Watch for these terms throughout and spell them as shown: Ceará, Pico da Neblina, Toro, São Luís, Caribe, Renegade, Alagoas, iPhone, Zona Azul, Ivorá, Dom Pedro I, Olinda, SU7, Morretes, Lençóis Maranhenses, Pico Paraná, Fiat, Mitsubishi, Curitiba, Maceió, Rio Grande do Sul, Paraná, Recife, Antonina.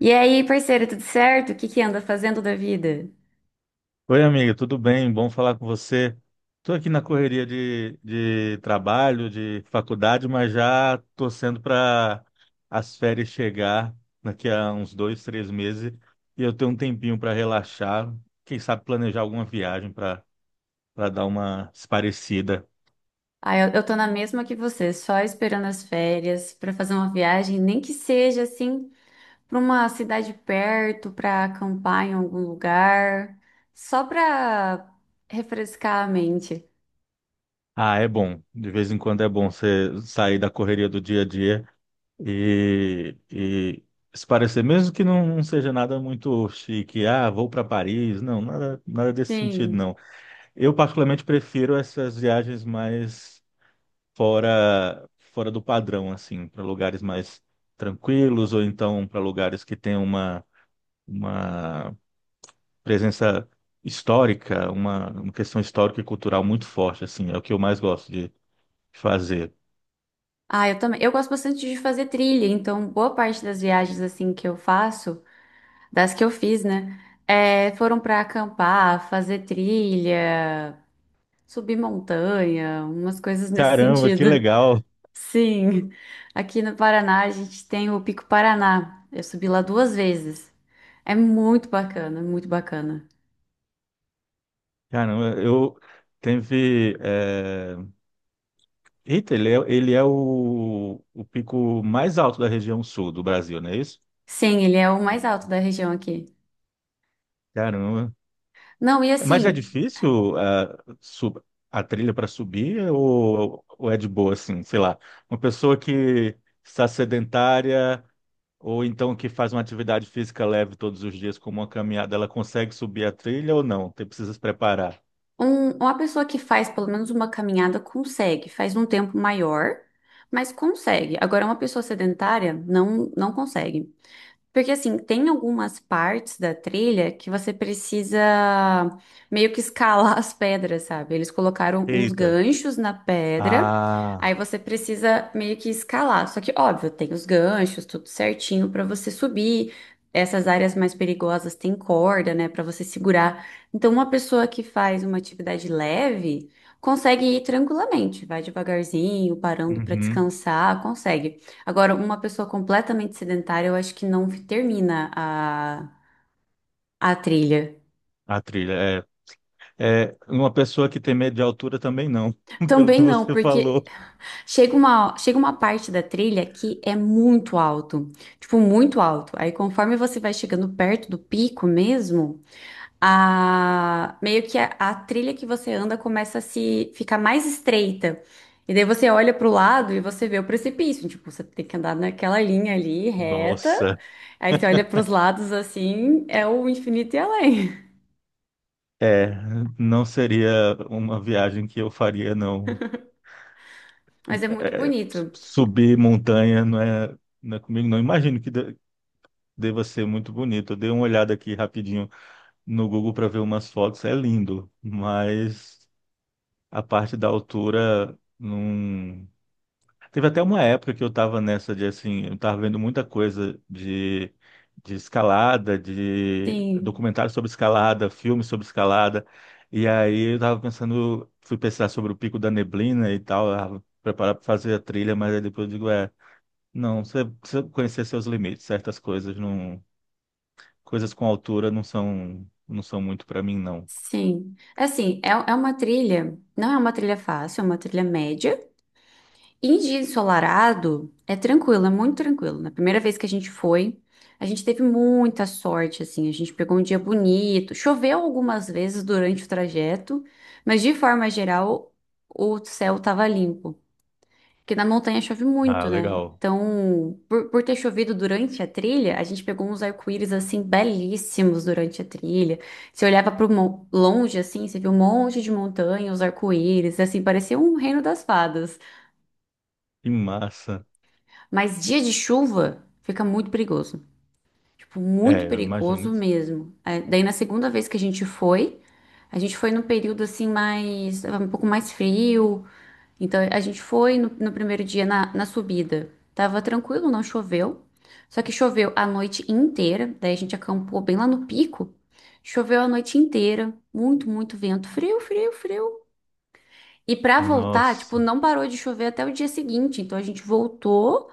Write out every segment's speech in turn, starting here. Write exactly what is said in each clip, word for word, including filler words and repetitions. E aí, parceira, tudo certo? O que que anda fazendo da vida? Oi, amiga, tudo bem? Bom falar com você. Estou aqui na correria de, de trabalho, de faculdade, mas já torcendo para as férias chegar daqui a uns dois, três meses e eu ter um tempinho para relaxar. Quem sabe planejar alguma viagem para para dar uma esparecida. Ah, eu, eu tô na mesma que você, só esperando as férias pra fazer uma viagem, nem que seja assim pra uma cidade perto, pra acampar em algum lugar, só pra refrescar a mente. Ah, é bom. De vez em quando é bom você sair da correria do dia a dia E, e se parecer, mesmo que não, não seja nada muito chique, ah, vou para Paris, não, nada, nada desse sentido, Sim. não. Eu particularmente prefiro essas viagens mais fora, fora do padrão, assim, para lugares mais tranquilos ou então para lugares que têm uma, uma presença histórica, uma, uma questão histórica e cultural muito forte, assim, é o que eu mais gosto de fazer. Ah, eu também. Eu gosto bastante de fazer trilha, então boa parte das viagens assim que eu faço, das que eu fiz, né, é, foram pra acampar, fazer trilha, subir montanha, umas coisas nesse Caramba, que sentido. legal! Sim, aqui no Paraná a gente tem o Pico Paraná. Eu subi lá duas vezes. É muito bacana, muito bacana. Caramba, eu teve. eh, Eita, ele é, ele é o, o pico mais alto da região sul do Brasil, não é isso? Sim, ele é o mais alto da região aqui. Caramba. Não, e Mas é assim, difícil ah, sub- a trilha para subir ou, ou é de boa, assim, sei lá. Uma pessoa que está sedentária ou então que faz uma atividade física leve todos os dias, como uma caminhada, ela consegue subir a trilha ou não? Tem precisa se preparar. um- uma pessoa que faz pelo menos uma caminhada consegue, faz um tempo maior, mas consegue. Agora, uma pessoa sedentária não, não consegue. Porque assim, tem algumas partes da trilha que você precisa meio que escalar as pedras, sabe? Eles colocaram uns Eita. ganchos na pedra, Ah, aí você precisa meio que escalar. Só que, óbvio, tem os ganchos, tudo certinho pra você subir. Essas áreas mais perigosas tem corda, né, pra você segurar. Então, uma pessoa que faz uma atividade leve consegue ir tranquilamente, vai devagarzinho, parando pra uhum. descansar, consegue. Agora, uma pessoa completamente sedentária, eu acho que não termina a, a trilha. A trilha, é. É, uma pessoa que tem medo de altura também não, pelo que Também não, você falou. porque chega uma, chega uma parte da trilha que é muito alto, tipo, muito alto. Aí, conforme você vai chegando perto do pico mesmo, a meio que a, a trilha que você anda começa a se ficar mais estreita. E daí você olha para o lado e você vê o precipício. Tipo, você tem que andar naquela linha ali reta. Nossa, Aí você olha para os lados assim, é o infinito e além. é, não seria uma viagem que eu faria, não. Mas é muito É, bonito. subir montanha não é, não é comigo, não. Imagino que de- deva ser muito bonito. Eu dei uma olhada aqui rapidinho no Google para ver umas fotos, é lindo, mas a parte da altura não. Teve até uma época que eu tava nessa de assim, eu tava vendo muita coisa de, de escalada, de Sim, documentário sobre escalada, filme sobre escalada. E aí eu tava pensando, fui pensar sobre o Pico da Neblina e tal, ah, preparar para fazer a trilha, mas aí depois eu digo, é, não, você precisa conhecer seus limites, certas coisas não, coisas com altura não são não são muito para mim não. sim. É assim, é, é uma trilha, não é uma trilha fácil, é uma trilha média. Em dia ensolarado, é tranquilo, é muito tranquilo. Na primeira vez que a gente foi, a gente teve muita sorte, assim, a gente pegou um dia bonito. Choveu algumas vezes durante o trajeto, mas de forma geral, o céu estava limpo. Porque na montanha chove Ah, muito, né? legal. Então, por, por ter chovido durante a trilha, a gente pegou uns arco-íris, assim, belíssimos durante a trilha. Você olhava para longe, assim, você via um monte de montanha, os arco-íris, assim, parecia um reino das fadas. Que massa. Mas dia de chuva fica muito perigoso. Tipo, muito É, eu imagino. perigoso mesmo. É, daí na segunda vez que a gente foi, a gente foi num período assim mais, tava um pouco mais frio. Então a gente foi no, no primeiro dia na, na subida. Tava tranquilo, não choveu. Só que choveu a noite inteira. Daí a gente acampou bem lá no pico. Choveu a noite inteira. Muito, muito vento. Frio, frio, frio. E pra voltar, tipo, Nossa. não parou de chover até o dia seguinte. Então a gente voltou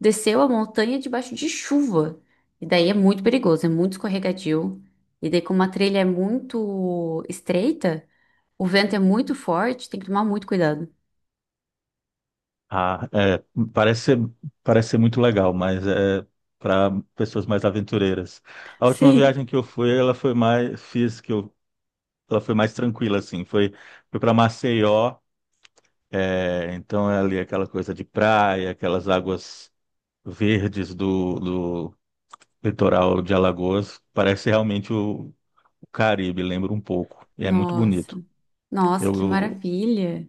desceu a montanha debaixo de chuva. E daí é muito perigoso, é muito escorregadio. E daí, como a trilha é muito estreita, o vento é muito forte, tem que tomar muito cuidado. Ah, é, parece ser, parece ser muito legal, mas é para pessoas mais aventureiras. A última viagem Sim. que eu fui, ela foi mais, fiz que eu, ela foi mais tranquila, assim. Foi, foi para Maceió, é, então é ali aquela coisa de praia, aquelas águas verdes do, do litoral de Alagoas. Parece realmente o, o Caribe, lembra um pouco. E é muito bonito. Nossa, nossa, que Eu, maravilha!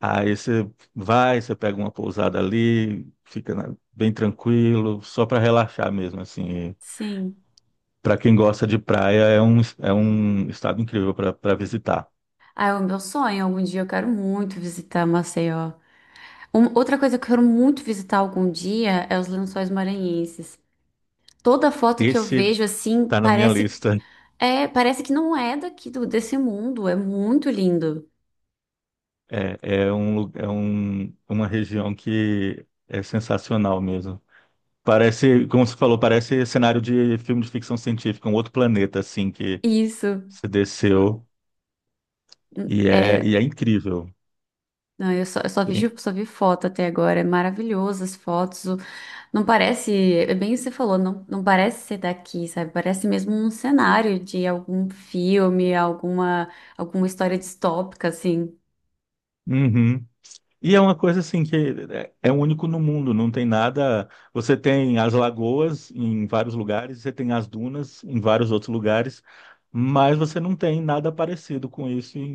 Aí você vai, você pega uma pousada ali, fica na- bem tranquilo, só para relaxar mesmo, assim. Sim. Para quem gosta de praia, é um, é um estado incrível para visitar. Ah, é o meu sonho. Algum dia eu quero muito visitar Maceió. Um- outra coisa que eu quero muito visitar algum dia é os Lençóis Maranhenses. Toda foto que eu Esse vejo assim tá na minha parece lista. é, parece que não é daqui do, desse mundo. É muito lindo. É, é um, lu- é um, uma região que é sensacional mesmo. Parece, como você falou, parece cenário de filme de ficção científica, um outro planeta, assim, que Isso você desceu e é, é. e é incrível. Não, eu só, eu só Tem- vejo, só vi foto até agora. É maravilhoso as fotos. o- Não parece, é bem o que você falou, não, não parece ser daqui, sabe? Parece mesmo um cenário de algum filme, alguma, alguma história distópica, assim. Uhum. E é uma coisa assim que é é único no mundo, não tem nada. Você tem as lagoas em vários lugares, você tem as dunas em vários outros lugares, mas você não tem nada parecido com isso em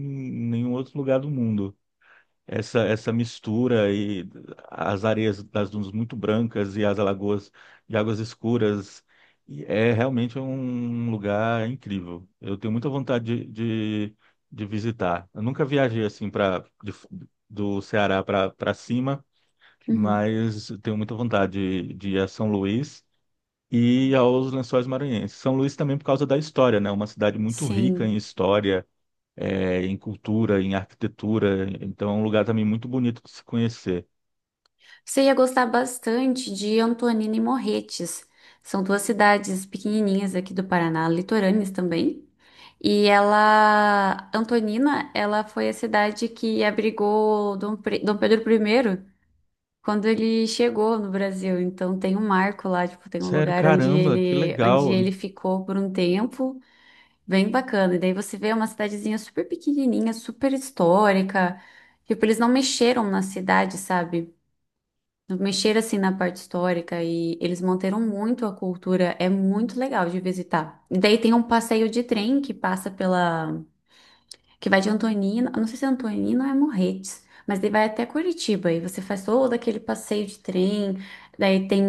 nenhum outro lugar do mundo essa, essa mistura e as areias das dunas muito brancas e as alagoas de águas escuras. E é realmente um lugar incrível. Eu tenho muita vontade de, de, de visitar. Eu nunca viajei assim para do Ceará para para cima, Uhum. mas eu tenho muita vontade de, de ir a São Luís e aos Lençóis Maranhenses. São Luís também por causa da história, né? É uma cidade muito rica em Sim. história é, em cultura, em arquitetura. Então é um lugar também muito bonito de se conhecer. Você ia gostar bastante de Antonina e Morretes. São duas cidades pequenininhas aqui do Paraná, litorâneas também. E ela, Antonina, ela foi a cidade que abrigou Dom, Pre- Dom Pedro primeiro quando ele chegou no Brasil. Então tem um marco lá, tipo, tem um Sério, lugar onde caramba, que ele, onde legal. ele ficou por um tempo, bem bacana. E daí você vê uma cidadezinha super pequenininha, super histórica. Tipo, eles não mexeram na cidade, sabe? Mexer assim na parte histórica e eles manteram muito a cultura, é muito legal de visitar. E daí tem um passeio de trem que passa pela, que vai de Antonina, eu não sei se é Antonina ou é Morretes, mas daí vai até Curitiba e você faz todo aquele passeio de trem. Daí tem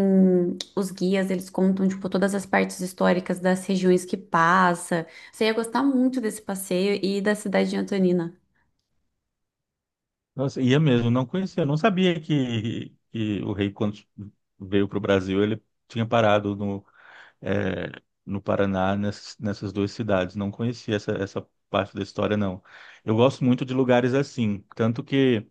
os guias, eles contam tipo todas as partes históricas das regiões que passa. Você ia gostar muito desse passeio e da cidade de Antonina. Nossa, ia mesmo, não conhecia, não sabia que, que o rei, quando veio para o Brasil, ele tinha parado no, é, no Paraná, nessas, nessas duas cidades. Não conhecia essa, essa parte da história, não. Eu gosto muito de lugares assim, tanto que.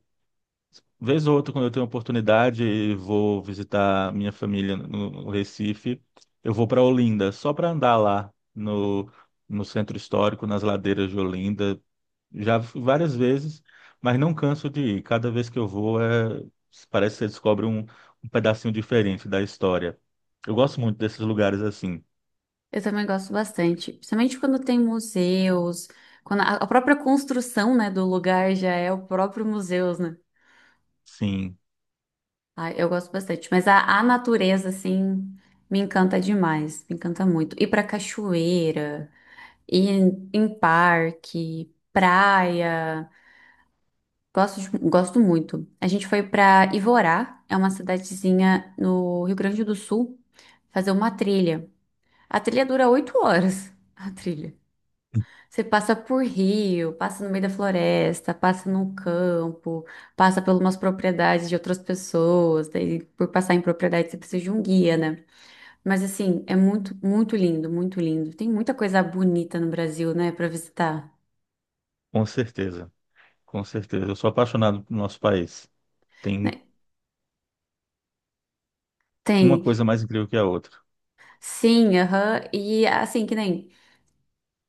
Vez ou outra, quando eu tenho oportunidade e vou visitar minha família no Recife, eu vou para Olinda, só para andar lá no, no centro histórico, nas ladeiras de Olinda. Já fui várias vezes, mas não canso de ir. Cada vez que eu vou, é, parece que você descobre um, um pedacinho diferente da história. Eu gosto muito desses lugares assim. Eu também gosto bastante, principalmente quando tem museus, quando a a própria construção, né, do lugar já é o próprio museu, né? Sim, Ah, eu gosto bastante, mas a, a natureza, assim, me encanta demais, me encanta muito. Ir pra cachoeira, ir em, em parque, praia, gosto, de- gosto muito. A gente foi pra Ivorá, é uma cidadezinha no Rio Grande do Sul, fazer uma trilha. A trilha dura oito horas, a trilha. Você passa por rio, passa no meio da floresta, passa no campo, passa por umas propriedades de outras pessoas, daí por passar em propriedade você precisa de um guia, né? Mas assim, é muito, muito lindo, muito lindo. Tem muita coisa bonita no Brasil, né, pra visitar. com certeza. Com certeza. Eu sou apaixonado pelo nosso país. Tem Né? uma Tem, coisa mais incrível que a outra. sim, aham. E assim, que nem.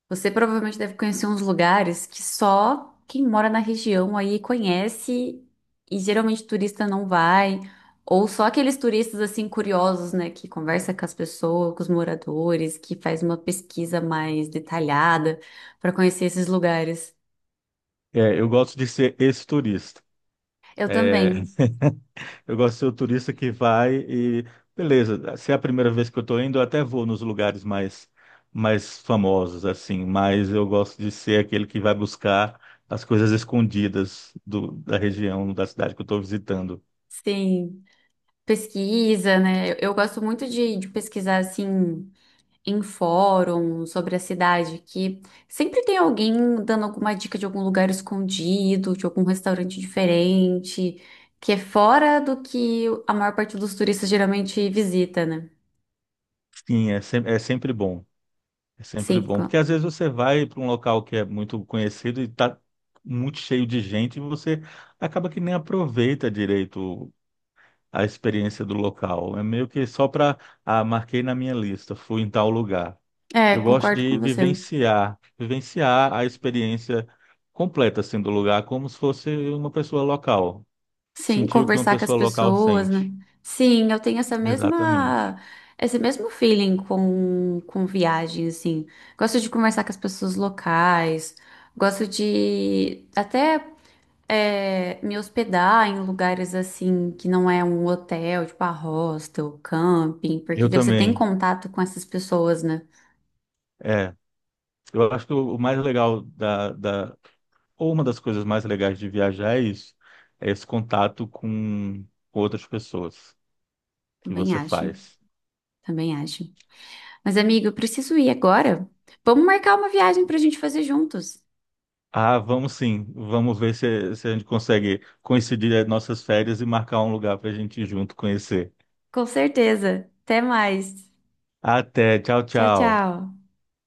Você provavelmente deve conhecer uns lugares que só quem mora na região aí conhece e geralmente turista não vai, ou só aqueles turistas assim curiosos, né, que conversa com as pessoas, com os moradores, que faz uma pesquisa mais detalhada para conhecer esses lugares. É, eu gosto de ser esse turista. Eu É, também, eu gosto de ser o turista que vai e, beleza, se é a primeira vez que eu estou indo, eu até vou nos lugares mais, mais famosos, assim, mas eu gosto de ser aquele que vai buscar as coisas escondidas do- da região, da cidade que eu estou visitando. sim, pesquisa, né? Eu, eu gosto muito de, de pesquisar assim em fórum sobre a cidade, que sempre tem alguém dando alguma dica de algum lugar escondido, de algum restaurante diferente, que é fora do que a maior parte dos turistas geralmente visita, né? Sim, é, sem- é sempre bom, é sempre Sim, bom, porque co- às vezes você vai para um local que é muito conhecido e está muito cheio de gente e você acaba que nem aproveita direito a experiência do local. É meio que só para, ah, marquei na minha lista, fui em tal lugar. é, Eu gosto concordo com de você. vivenciar, vivenciar a experiência completa assim do lugar, como se fosse uma pessoa local. Sim, Sentir o que uma conversar com as pessoa local pessoas, né? sente. Sim, eu tenho essa Exatamente. mesma, esse mesmo feeling com, com viagem, assim. Gosto de conversar com as pessoas locais, gosto de até é, me hospedar em lugares assim que não é um hotel, tipo a hostel, camping, porque Eu daí você tem também. contato com essas pessoas, né? É. Eu acho que o o mais legal da, da, ou uma das coisas mais legais de viajar é isso, é esse contato com outras pessoas que Também você acho, faz. também acho. Mas, amigo, eu preciso ir agora. Vamos marcar uma viagem pra gente fazer juntos. Ah, vamos sim. Vamos ver se, se a gente consegue coincidir as nossas férias e marcar um lugar para a gente ir junto conhecer. Com certeza. Até mais. Até, tchau, Tchau, tchau. tchau.